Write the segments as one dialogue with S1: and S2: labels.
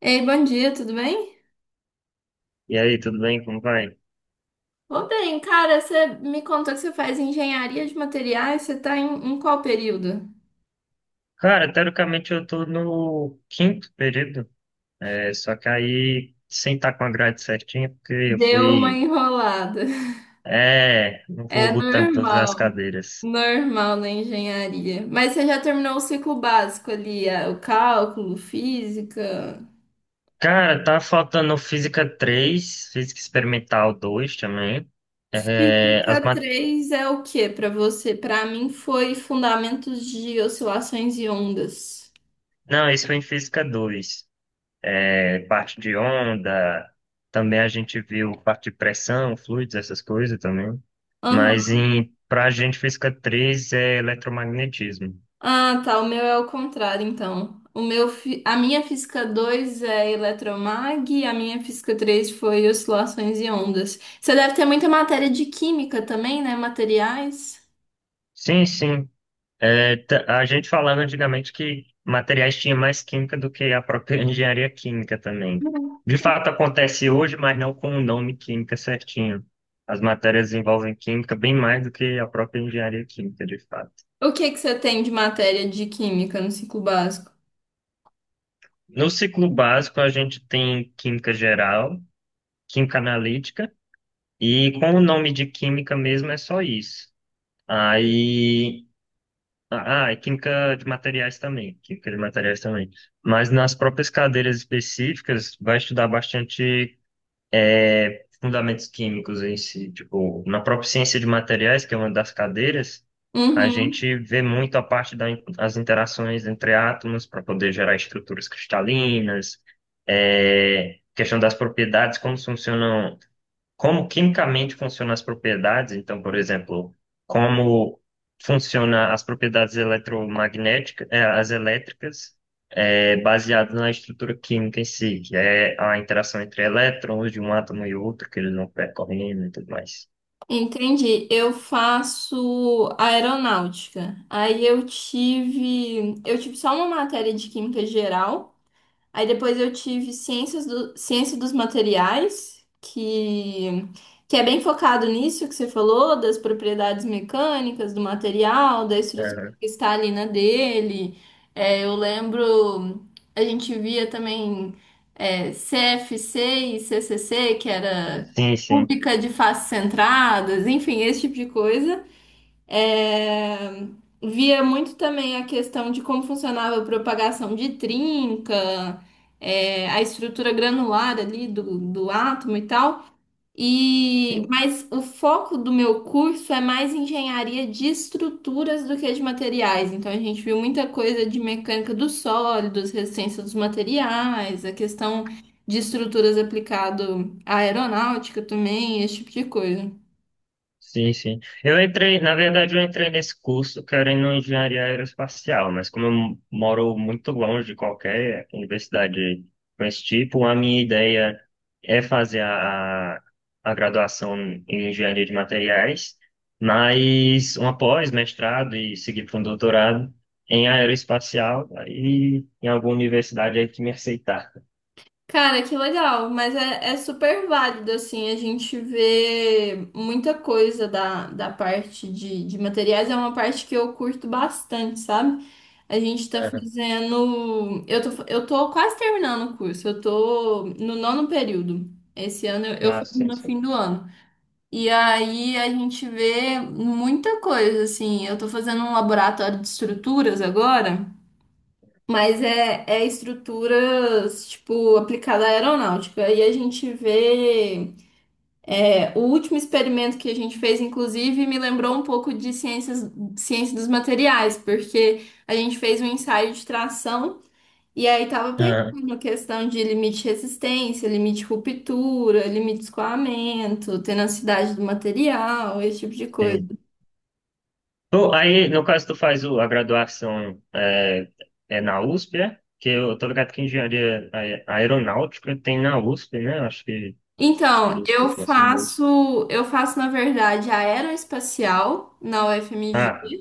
S1: Ei, bom dia, tudo bem?
S2: E aí, tudo bem? Como vai?
S1: Ô, bem, cara, você me contou que você faz engenharia de materiais, você tá em qual período?
S2: Cara, teoricamente eu tô no quinto período, é, só que aí sem estar com a grade certinha, porque eu
S1: Deu uma
S2: fui.
S1: enrolada.
S2: É, não
S1: É
S2: vou botando todas as
S1: normal,
S2: cadeiras.
S1: normal na engenharia. Mas você já terminou o ciclo básico ali, o cálculo, física.
S2: Cara, tá faltando Física 3, Física Experimental 2 também. É,
S1: Física 3 é o que pra você? Pra mim foi fundamentos de oscilações e ondas.
S2: Não, esse foi em Física 2. Parte de onda, também a gente viu parte de pressão, fluidos, essas coisas também. Mas para gente, física 3 é eletromagnetismo.
S1: Ah, tá. O meu é o contrário, então. O meu, a minha física 2 é eletromag e a minha física 3 foi oscilações e ondas. Você deve ter muita matéria de química também, né? Materiais.
S2: Sim, sim. É, a gente falava antigamente que materiais tinha mais química do que a própria engenharia química também. De fato, acontece hoje, mas não com o nome química certinho. As matérias envolvem química bem mais do que a própria engenharia química, de fato.
S1: O que que você tem de matéria de química no ciclo básico?
S2: No ciclo básico, a gente tem química geral, química analítica, e com o nome de química mesmo é só isso. Aí. Ah, é química de materiais também, química de materiais também. Mas nas próprias cadeiras específicas, vai estudar bastante fundamentos químicos em si. Tipo, na própria ciência de materiais, que é uma das cadeiras, a
S1: Uhum,
S2: gente vê muito a parte das interações entre átomos para poder gerar estruturas cristalinas, é, questão das propriedades, como quimicamente funcionam as propriedades. Então, por exemplo, como funciona as propriedades eletromagnéticas, as elétricas, baseado na estrutura química em si, que é a interação entre elétrons de um átomo e outro, que eles vão percorrendo e tudo mais.
S1: entendi. Eu faço aeronáutica. Aí eu tive só uma matéria de química geral. Aí depois eu tive ciência dos materiais, que é bem focado nisso que você falou, das propriedades mecânicas do material, da estrutura
S2: Aham.
S1: cristalina dele. É, eu lembro, a gente via também CFC e CCC, que era
S2: Sim, sim.
S1: cúbica de faces centradas, enfim, esse tipo de coisa. É, via muito também a questão de como funcionava a propagação de trinca, é, a estrutura granular ali do átomo e tal. E,
S2: Sim.
S1: mas o foco do meu curso é mais engenharia de estruturas do que de materiais. Então a gente viu muita coisa de mecânica dos sólidos, resistência dos materiais, a questão de estruturas aplicado à aeronáutica também, esse tipo de coisa.
S2: Sim, sim. Eu entrei, na verdade, eu entrei nesse curso querendo engenharia aeroespacial, mas como eu moro muito longe de qualquer universidade com esse tipo, a minha ideia é fazer a graduação em engenharia de materiais, mas uma pós-mestrado e seguir para um doutorado em aeroespacial, aí em alguma universidade aí que me aceitar.
S1: Cara, que legal, mas é super válido, assim, a gente vê muita coisa da parte de materiais, é uma parte que eu curto bastante, sabe? A gente tá
S2: Aham.
S1: fazendo. Eu tô quase terminando o curso, eu tô no nono período. Esse ano eu
S2: Ah,
S1: faço
S2: sim,
S1: no
S2: sim.
S1: fim do ano. E aí a gente vê muita coisa, assim, eu tô fazendo um laboratório de estruturas agora. Mas é estruturas, tipo, aplicada à aeronáutica. E a gente vê. É o último experimento que a gente fez, inclusive, me lembrou um pouco de ciência dos materiais, porque a gente fez um ensaio de tração e aí tava
S2: Aham.
S1: pegando questão de limite de resistência, limite de ruptura, limite de escoamento, tenacidade do material, esse tipo de coisa.
S2: Sim. Aí, no caso, tu faz a graduação é na USP, é? Que eu tô ligado que engenharia aeronáutica tem na USP, né? Acho que um
S1: Então,
S2: dos cursos mais famosos.
S1: eu faço, na verdade, aeroespacial na UFMG.
S2: Ah,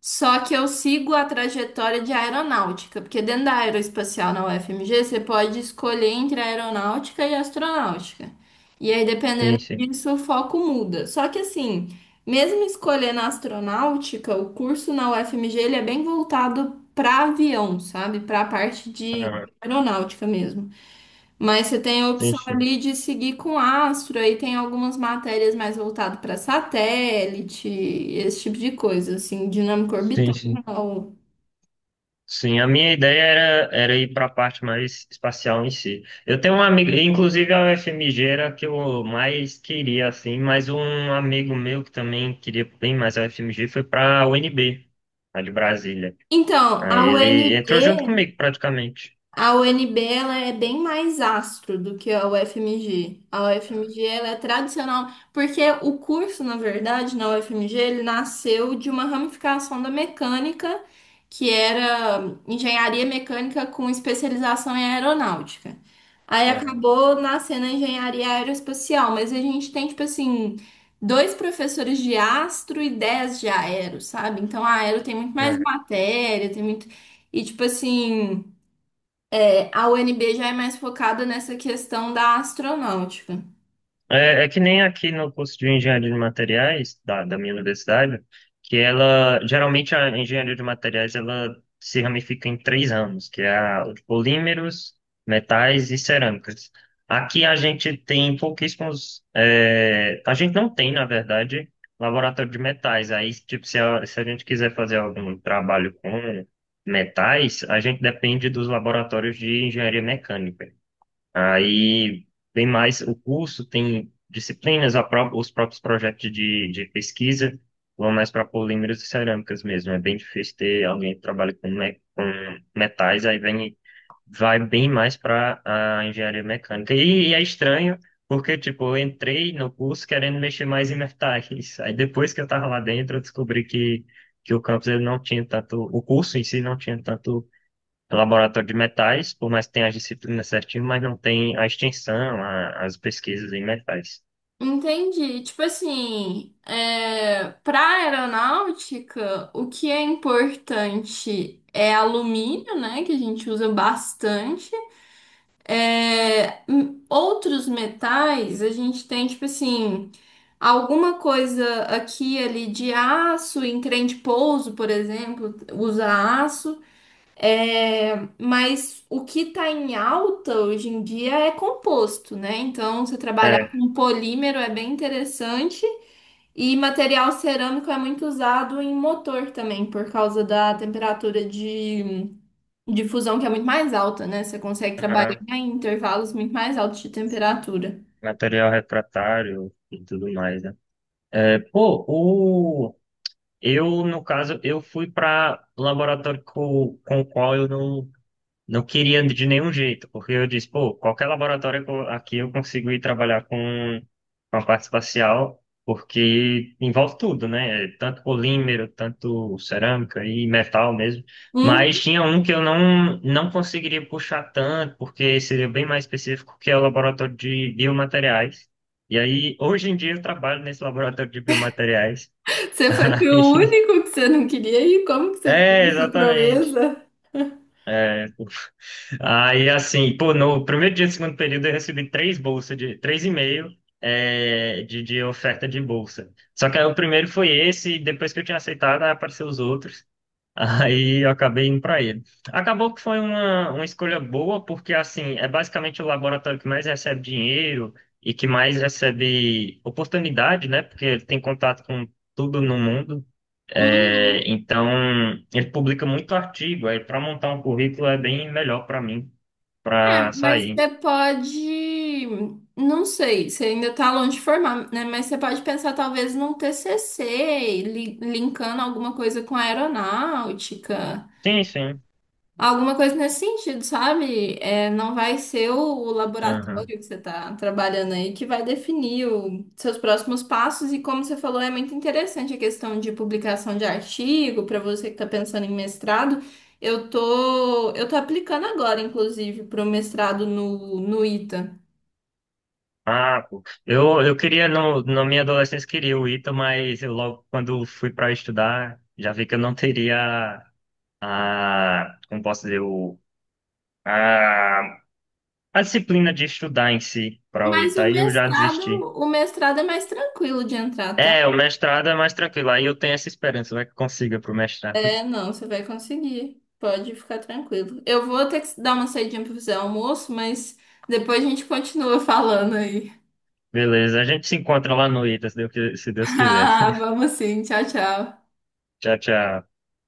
S1: Só que eu sigo a trajetória de aeronáutica, porque dentro da aeroespacial na UFMG você pode escolher entre aeronáutica e astronáutica. E aí,
S2: sim,
S1: dependendo
S2: sim.
S1: disso, o foco muda. Só que assim, mesmo escolhendo astronáutica, o curso na UFMG ele é bem voltado para avião, sabe? Para a parte
S2: Ah,
S1: de aeronáutica mesmo. Mas você tem a
S2: sim,
S1: opção
S2: sim.
S1: ali de seguir com astro, aí tem algumas matérias mais voltadas para satélite, esse tipo de coisa, assim, dinâmica
S2: Sim,
S1: orbital.
S2: sim. Sim, a minha ideia era ir para a parte mais espacial em si. Eu tenho um amigo, inclusive a UFMG era a que eu mais queria, assim, mas um amigo meu que também queria bem mais a UFMG foi para a UNB, a de Brasília.
S1: Então,
S2: Aí
S1: a
S2: ele entrou junto
S1: UNB
S2: comigo, praticamente,
S1: a UNB ela é bem mais astro do que a UFMG. A UFMG ela é tradicional, porque o curso, na verdade, na UFMG, ele nasceu de uma ramificação da mecânica, que era engenharia mecânica com especialização em aeronáutica. Aí
S2: no,
S1: acabou nascendo a engenharia aeroespacial, mas a gente tem, tipo assim, dois professores de astro e dez de aero, sabe? Então a aero tem muito mais
S2: no,
S1: matéria, tem muito. E, tipo assim. A UNB já é mais focada nessa questão da astronáutica.
S2: é que nem aqui no curso de engenharia de materiais da minha universidade, que ela geralmente a engenharia de materiais ela se ramifica em 3 anos, que é a de polímeros, metais e cerâmicas. Aqui a gente tem pouquíssimos, é, a gente não tem, na verdade, laboratório de metais. Aí, tipo, se a gente quiser fazer algum trabalho com metais, a gente depende dos laboratórios de engenharia mecânica. Aí vem mais o curso, tem disciplinas, os próprios projetos de pesquisa vão mais para polímeros e cerâmicas mesmo. É bem difícil ter alguém que trabalha com metais, aí vai bem mais para a engenharia mecânica. E é estranho, porque tipo, eu entrei no curso querendo mexer mais em metais. Aí depois que eu estava lá dentro, eu descobri que o campus ele não tinha tanto, o curso em si não tinha tanto é um laboratório de metais, por mais que tenha as disciplinas certinho, mas não tem a extensão, as pesquisas em metais.
S1: Entendi. Tipo assim, é, para aeronáutica, o que é importante é alumínio, né, que a gente usa bastante. É, m- outros metais, a gente tem, tipo assim, alguma coisa aqui e ali de aço, em trem de pouso, por exemplo, usa aço. É, mas o que está em alta hoje em dia é composto, né? Então, você trabalhar
S2: É,
S1: com polímero é bem interessante e material cerâmico é muito usado em motor também, por causa da temperatura de fusão que é muito mais alta, né? Você consegue trabalhar
S2: aham,
S1: em intervalos muito mais altos de temperatura.
S2: material refratário e tudo mais, né? É, pô, eu, no caso, eu fui para laboratório com, o qual eu não. Não queria de nenhum jeito, porque eu disse, pô, qualquer laboratório que aqui eu consigo ir trabalhar com a parte espacial, porque envolve tudo, né? Tanto polímero, tanto cerâmica e metal mesmo.
S1: Hum,
S2: Mas tinha um que eu não, não conseguiria puxar tanto, porque seria bem mais específico, que é o laboratório de biomateriais. E aí, hoje em dia eu trabalho nesse laboratório de biomateriais.
S1: você foi pro
S2: Aí-
S1: único que você não queria ir? Como que você fez
S2: É,
S1: essa
S2: exatamente.
S1: proeza?
S2: É, aí, assim, pô, no primeiro dia do segundo período eu recebi três bolsas três e meio de oferta de bolsa. Só que aí o primeiro foi esse, e depois que eu tinha aceitado, aí apareceram os outros. Aí eu acabei indo para ele. Acabou que foi uma escolha boa, porque assim, é basicamente o laboratório que mais recebe dinheiro e que mais recebe oportunidade, né? Porque ele tem contato com tudo no mundo. É,
S1: Uhum.
S2: então, ele publica muito artigo. Aí, para montar um currículo é bem melhor para mim, para
S1: Mas
S2: sair.
S1: você pode, não sei, você ainda está longe de formar, né? Mas você pode pensar talvez num TCC, linkando alguma coisa com a aeronáutica.
S2: Sim, sim.
S1: Alguma coisa nesse sentido, sabe? É, não vai ser o laboratório
S2: Aham.
S1: que você está trabalhando aí que vai definir os seus próximos passos. E como você falou, é muito interessante a questão de publicação de artigo para você que está pensando em mestrado. Eu tô aplicando agora, inclusive, para o mestrado no ITA.
S2: Ah, pô. Eu queria, no, na minha adolescência, queria o ITA, mas eu logo, quando fui para estudar, já vi que eu não teria a, como posso dizer, a, a disciplina de estudar em si para o
S1: Mas
S2: ITA, aí eu já desisti.
S1: o mestrado é mais tranquilo de entrar, tá?
S2: É, o mestrado é mais tranquilo, aí eu tenho essa esperança, vai que consiga pro mestrado.
S1: É, não, você vai conseguir. Pode ficar tranquilo. Eu vou ter que dar uma saidinha pra fazer almoço, mas depois a gente continua falando aí.
S2: Beleza, a gente se encontra lá no ITA, se Deus quiser.
S1: Ah, vamos sim. Tchau, tchau.
S2: Tchau, tchau.